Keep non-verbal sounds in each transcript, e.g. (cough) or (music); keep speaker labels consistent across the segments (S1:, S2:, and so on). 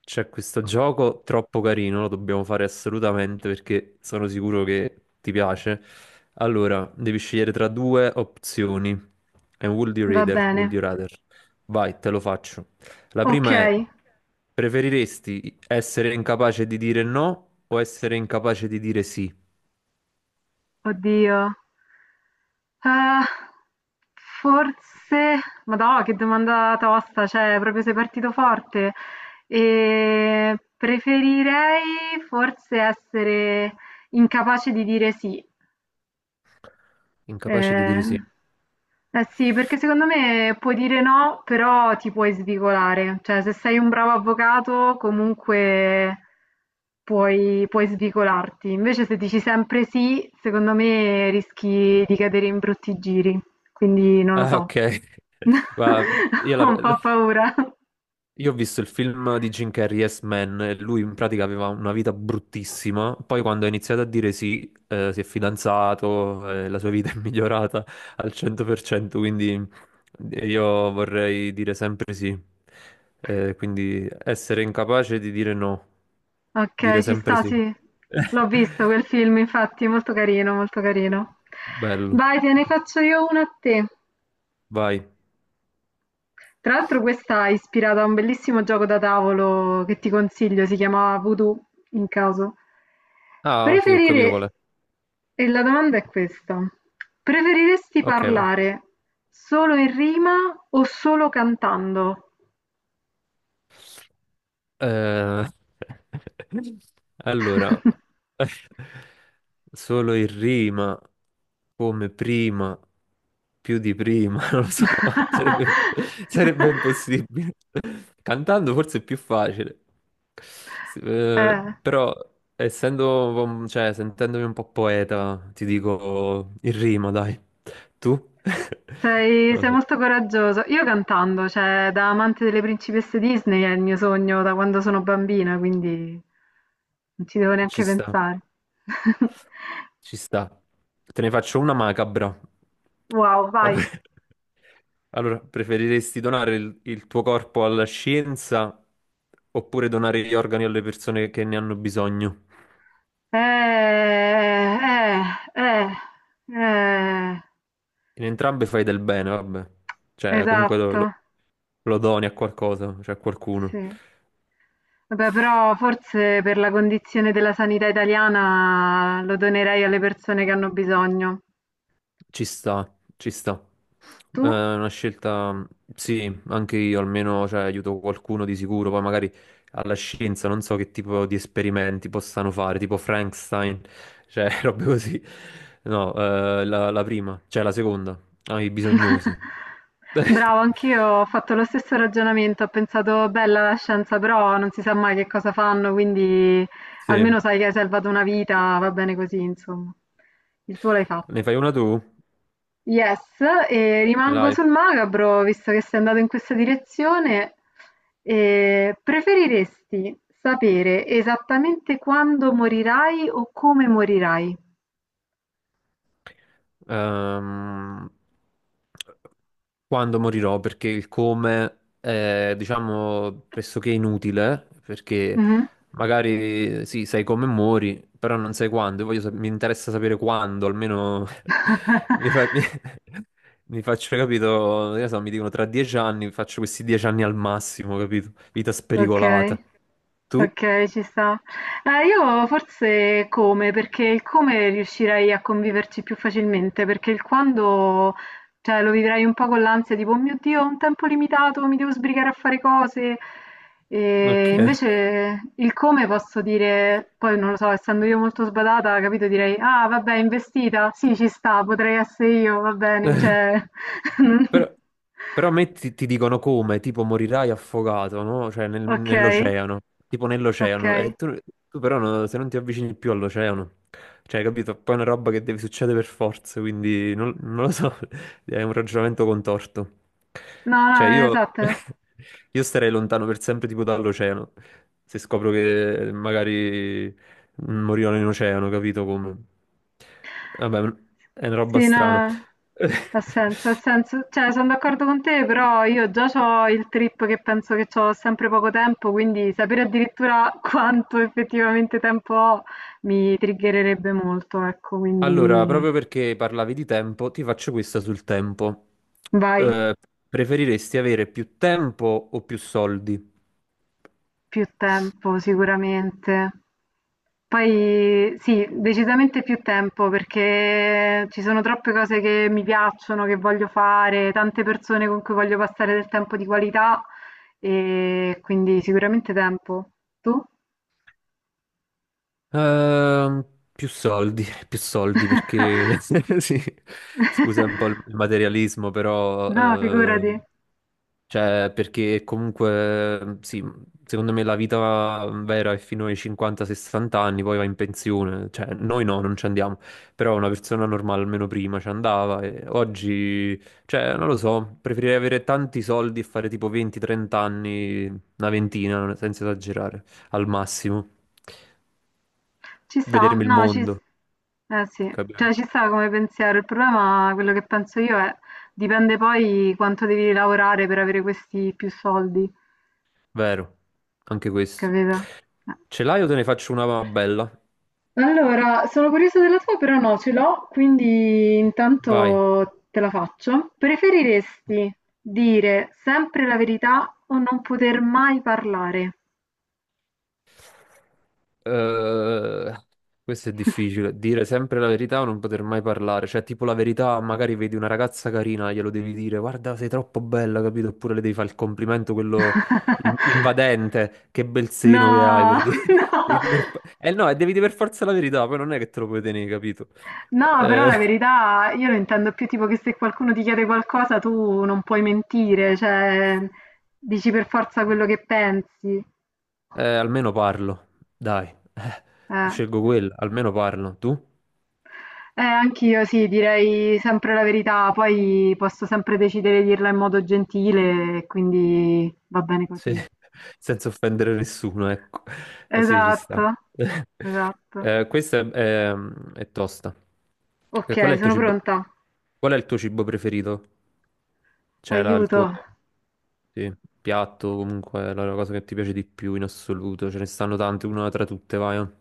S1: C'è questo gioco troppo carino, lo dobbiamo fare assolutamente perché sono sicuro che ti piace. Allora, devi scegliere tra due opzioni. È un Would You
S2: Va
S1: Rather,
S2: bene,
S1: Would You Rather. Vai, te lo faccio. La prima è,
S2: okay.
S1: preferiresti essere incapace di dire no o essere incapace di dire sì?
S2: Oddio. Uhm, forse madò, che domanda tosta, cioè proprio sei partito forte. Preferirei forse essere incapace di dire sì.
S1: Incapace di
S2: Eh,
S1: dire sì.
S2: eh sì, perché secondo me puoi dire no, però ti puoi svicolare. Cioè, se sei un bravo avvocato, comunque puoi svicolarti. Invece, se dici sempre sì, secondo me rischi di cadere in brutti giri. Quindi non lo
S1: Ah,
S2: so.
S1: ok.
S2: (laughs)
S1: (laughs) Ma io la...
S2: Ho un
S1: (laughs)
S2: po' paura.
S1: Io ho visto il film di Jim Carrey, Yes Man, e lui in pratica aveva una vita bruttissima, poi quando ha iniziato a dire sì, si è fidanzato, la sua vita è (laughs) migliorata al 100%, quindi io vorrei dire sempre sì. Quindi essere incapace di dire no,
S2: Ok,
S1: dire
S2: ci
S1: sempre
S2: sta,
S1: sì.
S2: sì. L'ho visto
S1: (laughs)
S2: quel film, infatti, molto carino, molto carino.
S1: Bello,
S2: Vai, te ne faccio io una a te.
S1: vai.
S2: Tra l'altro questa è ispirata a un bellissimo gioco da tavolo che ti consiglio, si chiamava Voodoo, in caso.
S1: Ah, sì, ho capito qual
S2: Preferire...
S1: è.
S2: E la domanda è questa. Preferiresti
S1: Ok, vai.
S2: parlare solo in rima o solo cantando?
S1: Eh, (laughs) allora, (laughs) solo in rima, come prima, più di prima, (laughs) non lo so, sarebbe, sarebbe
S2: (laughs)
S1: impossibile. Cantando forse è più facile,
S2: Eh.
S1: però cioè, sentendomi un po' poeta, ti dico in rima, dai. Tu? (laughs)
S2: Sei,
S1: Non lo
S2: sei
S1: so,
S2: molto coraggioso. Io cantando, cioè da amante delle principesse Disney è il mio sogno da quando sono bambina, quindi non ci devo
S1: ci
S2: neanche
S1: sta.
S2: pensare. (laughs)
S1: Ci sta. Te ne faccio una macabra.
S2: Wow, vai.
S1: Vabbè. Allora, preferiresti donare il tuo corpo alla scienza oppure donare gli organi alle persone che ne hanno bisogno?
S2: Eh, eh, eh, eh,
S1: In entrambe fai del bene, vabbè. Cioè, comunque
S2: esatto,
S1: lo, lo doni a qualcosa, cioè a qualcuno.
S2: sì. Vabbè, però forse per la condizione della sanità italiana lo donerei alle persone che hanno bisogno.
S1: Ci sta, ci sta.
S2: Tu?
S1: È una scelta, sì, anche io almeno, cioè, aiuto qualcuno di sicuro, poi magari alla scienza non so che tipo di esperimenti possano fare, tipo Frankenstein, cioè (laughs) robe così. No, la prima, cioè la seconda, ai bisognosi.
S2: (laughs) Bravo, anch'io
S1: (laughs)
S2: ho fatto lo stesso ragionamento, ho pensato bella la scienza, però non si sa mai che cosa fanno, quindi
S1: Sì,
S2: almeno sai che hai salvato una vita, va bene così, insomma. Il tuo l'hai
S1: ne
S2: fatto.
S1: fai una tu?
S2: Yes, e
S1: Ce
S2: rimango
S1: l'hai?
S2: sul macabro, visto che sei andato in questa direzione, e preferiresti sapere esattamente quando morirai o come morirai?
S1: Ehm, quando morirò, perché il come è, diciamo, pressoché inutile, perché
S2: Mhm.
S1: magari sì, sai come muori, però non sai quando. Io voglio sap- mi interessa sapere quando, almeno (laughs) mi, fa- mi-
S2: (laughs)
S1: mi faccio, capito, io so, mi dicono tra 10 anni, faccio questi 10 anni al massimo, capito? Vita
S2: Okay.
S1: spericolata. Tu?
S2: Okay, ci sta. Io forse come, perché il come riuscirei a conviverci più facilmente, perché il quando, cioè, lo vivrei un po' con l'ansia, tipo, "Oh mio Dio, ho un tempo limitato, mi devo sbrigare a fare cose". E
S1: Ok.
S2: invece il come posso dire, poi non lo so, essendo io molto sbadata, capito, direi: "Ah, vabbè, investita? Sì, ci sta, potrei essere io, va bene",
S1: (laughs)
S2: cioè (laughs)
S1: Però, però a me ti dicono come, tipo morirai affogato, no? Cioè nel-
S2: Okay,
S1: nell'oceano, tipo nell'oceano,
S2: okay.
S1: e tu, tu però no- se non ti avvicini più all'oceano, cioè capito? Poi è una roba che deve succedere per forza, quindi non lo so, (laughs) è un ragionamento contorto.
S2: No,
S1: Cioè
S2: no,
S1: io,
S2: esatto.
S1: (laughs) io starei lontano per sempre tipo dall'oceano, se scopro che magari morirò in oceano, capito come? Vabbè, è una roba
S2: Sì, no,
S1: strana.
S2: ha
S1: (laughs)
S2: senso, ha senso. Cioè, sono d'accordo con te, però io già ho il trip che penso che ho sempre poco tempo, quindi sapere addirittura (laughs) quanto effettivamente tempo ho mi triggererebbe molto, ecco,
S1: Allora,
S2: quindi
S1: proprio perché parlavi di tempo, ti faccio questa sul tempo.
S2: vai.
S1: Eh, preferiresti avere più tempo o più soldi?
S2: Più tempo sicuramente. Poi sì, decisamente più tempo perché ci sono troppe cose che mi piacciono, che voglio fare, tante persone con cui voglio passare del tempo di qualità e quindi sicuramente tempo. Tu?
S1: Ehm, più soldi, (laughs) più soldi perché (laughs)
S2: (laughs)
S1: sì, scusa un po' il materialismo, però
S2: No, figurati.
S1: cioè, perché comunque, sì, secondo me la vita vera è fino ai 50-60 anni, poi va in pensione. Cioè, noi no, non ci andiamo. Però una persona normale almeno prima ci andava e oggi, cioè, non lo so, preferirei avere tanti soldi e fare tipo 20-30 anni, una ventina, non- senza esagerare, al massimo.
S2: Ci sta,
S1: Vedermi il
S2: no, ci,
S1: mondo,
S2: s- eh sì,
S1: capito?
S2: cioè ci sta come pensiero. Il problema, quello che penso io è, dipende poi quanto devi lavorare per avere questi più soldi,
S1: Vero, anche questo.
S2: capito? Eh.
S1: Ce l'hai o te ne faccio una bella?
S2: Allora, sono curiosa della tua, però no, ce l'ho, quindi
S1: Vai.
S2: intanto te la faccio. Preferiresti dire sempre la verità o non poter mai parlare?
S1: Eh, questo è difficile, dire sempre la verità o non poter mai parlare, cioè tipo la verità, magari vedi una ragazza carina, glielo devi dire, guarda sei troppo bella, capito? Oppure le devi fare il complimento, quello in-
S2: (laughs)
S1: invadente, che bel seno che hai,
S2: No,
S1: per dire.
S2: (laughs)
S1: (laughs)
S2: no.
S1: Devi dire per- Eh no, e devi dire per forza la verità, poi non è che te lo puoi tenere, capito?
S2: No, però
S1: Eh,
S2: la verità io lo intendo più tipo che se qualcuno ti chiede qualcosa tu non puoi mentire, cioè dici per forza quello che pensi.
S1: almeno parlo, dai,
S2: Eh,
S1: scelgo quella, almeno parlo, tu?
S2: Anch'io sì, direi sempre la verità, poi posso sempre decidere di dirla in modo gentile, e quindi va bene
S1: Sì,
S2: così.
S1: (laughs) senza offendere nessuno, ecco. Ah, sì, ci sta.
S2: Esatto,
S1: (laughs)
S2: esatto.
S1: Eh, questa è, è- è tosta. Eh, Qual è
S2: Ok,
S1: il tuo
S2: sono
S1: cibo,
S2: pronta.
S1: qual è il tuo cibo preferito? Cioè, la- il
S2: Aiuto.
S1: tuo sì, piatto, comunque, la cosa che ti piace di più in assoluto. Ce ne stanno tante, una tra tutte, vai.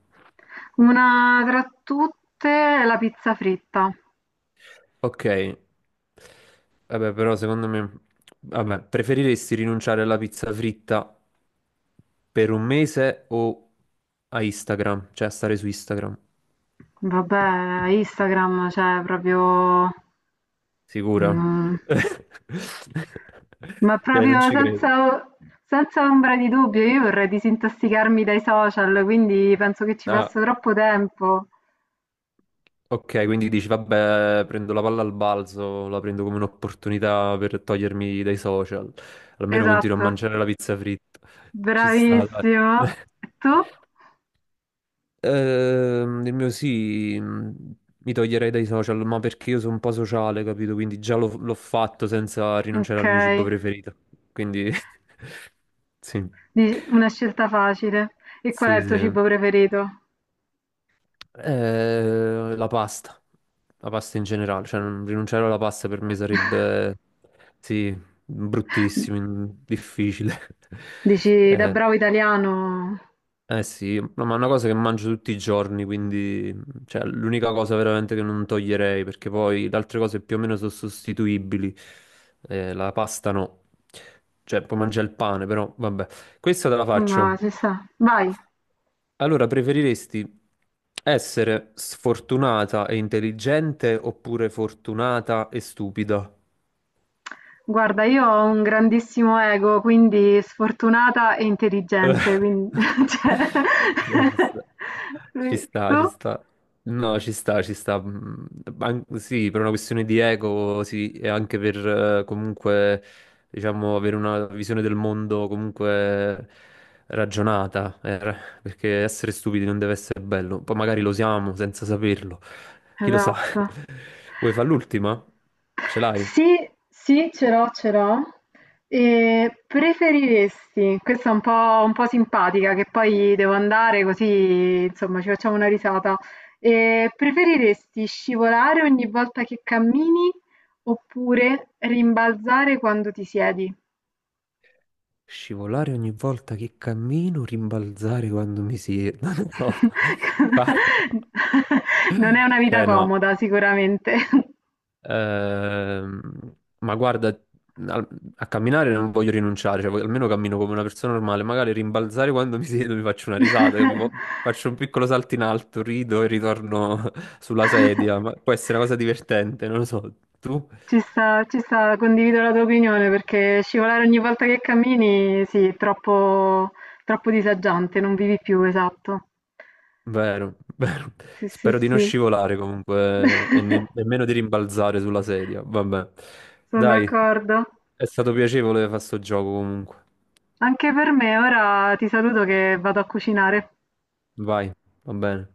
S2: Una tra tutte è la pizza fritta.
S1: Ok, vabbè, però secondo me, vabbè, preferiresti rinunciare alla pizza fritta per un mese o a Instagram? Cioè a stare su Instagram?
S2: Vabbè, Instagram, cioè proprio...
S1: Sicura?
S2: Mhmm,
S1: (laughs)
S2: ma
S1: Cioè, non
S2: proprio
S1: ci credo.
S2: senza ombra di dubbio, io vorrei disintossicarmi dai social, quindi penso che ci
S1: Ah,
S2: passo troppo tempo.
S1: ok, quindi dici, vabbè, prendo la palla al balzo, la prendo come un'opportunità per togliermi dai social. Almeno continuo a
S2: Esatto,
S1: mangiare la pizza fritta. Ci sta, dai.
S2: bravissimo.
S1: (laughs)
S2: E tu?
S1: Il mio sì, mi toglierei dai social, ma perché io sono un po' sociale, capito? Quindi già l'ho fatto senza rinunciare al mio cibo
S2: Okay,
S1: preferito. Quindi (laughs) sì,
S2: dici una scelta facile. E qual è
S1: sì,
S2: il tuo
S1: sì.
S2: cibo preferito?
S1: Eh, la pasta, la pasta in generale, cioè non rinunciare alla pasta per me
S2: (laughs)
S1: sarebbe, sì, bruttissimo, in- difficile. (laughs)
S2: Dici da
S1: Eh,
S2: bravo italiano,
S1: Eh sì, no, ma è una cosa che mangio tutti i giorni, quindi cioè, l'unica cosa veramente che non toglierei, perché poi le altre cose più o meno sono sostituibili, la pasta no, cioè puoi mangiare il pane, però vabbè, questa te la
S2: ma
S1: faccio.
S2: ci sta. Vai.
S1: Allora, preferiresti essere sfortunata e intelligente oppure fortunata e stupida?
S2: Guarda, io ho un grandissimo ego, quindi sfortunata e
S1: Cioè,
S2: intelligente, quindi (laughs) cioè,
S1: ci sta, ci
S2: (laughs)
S1: sta,
S2: tu?
S1: ci sta. No, ci sta, ci sta. Mm, sì, per una questione di ego, sì, e anche per comunque, diciamo, avere una visione del mondo comunque ragionata, perché essere stupidi non deve essere bello. Poi magari lo siamo senza saperlo. Chi lo sa?
S2: Esatto.
S1: (laughs) Vuoi fare l'ultima? Ce l'hai?
S2: Sì, sì, ce l'ho, ce l'ho. E preferiresti, questa è un po' simpatica, che poi devo andare così, insomma, ci facciamo una risata. E preferiresti scivolare ogni volta che cammini oppure rimbalzare quando ti siedi?
S1: Scivolare ogni volta che cammino, rimbalzare quando mi siedo. (laughs) No, fa-
S2: (laughs) Non è una vita
S1: cioè no.
S2: comoda sicuramente.
S1: Ehm, ma guarda, al- a camminare non voglio rinunciare, cioè, voglio- almeno cammino come una persona normale. Magari rimbalzare quando mi siedo (laughs) mi faccio una risata, capivo?
S2: (laughs)
S1: Faccio un piccolo salto in alto, rido e ritorno (laughs) sulla sedia. Ma può essere una cosa divertente, non lo so. Tu?
S2: Ci sta, condivido la tua opinione perché scivolare ogni volta che cammini, sì, è troppo, troppo disagiante, non vivi più, esatto.
S1: Vero, (laughs) vero.
S2: Sì, sì,
S1: Spero di non
S2: sì.
S1: scivolare comunque e ne-
S2: (laughs)
S1: nemmeno di rimbalzare sulla sedia. Vabbè.
S2: Sono
S1: Dai,
S2: d'accordo.
S1: è stato piacevole fare sto gioco comunque.
S2: Anche per me, ora ti saluto che vado a cucinare.
S1: Vai, va bene.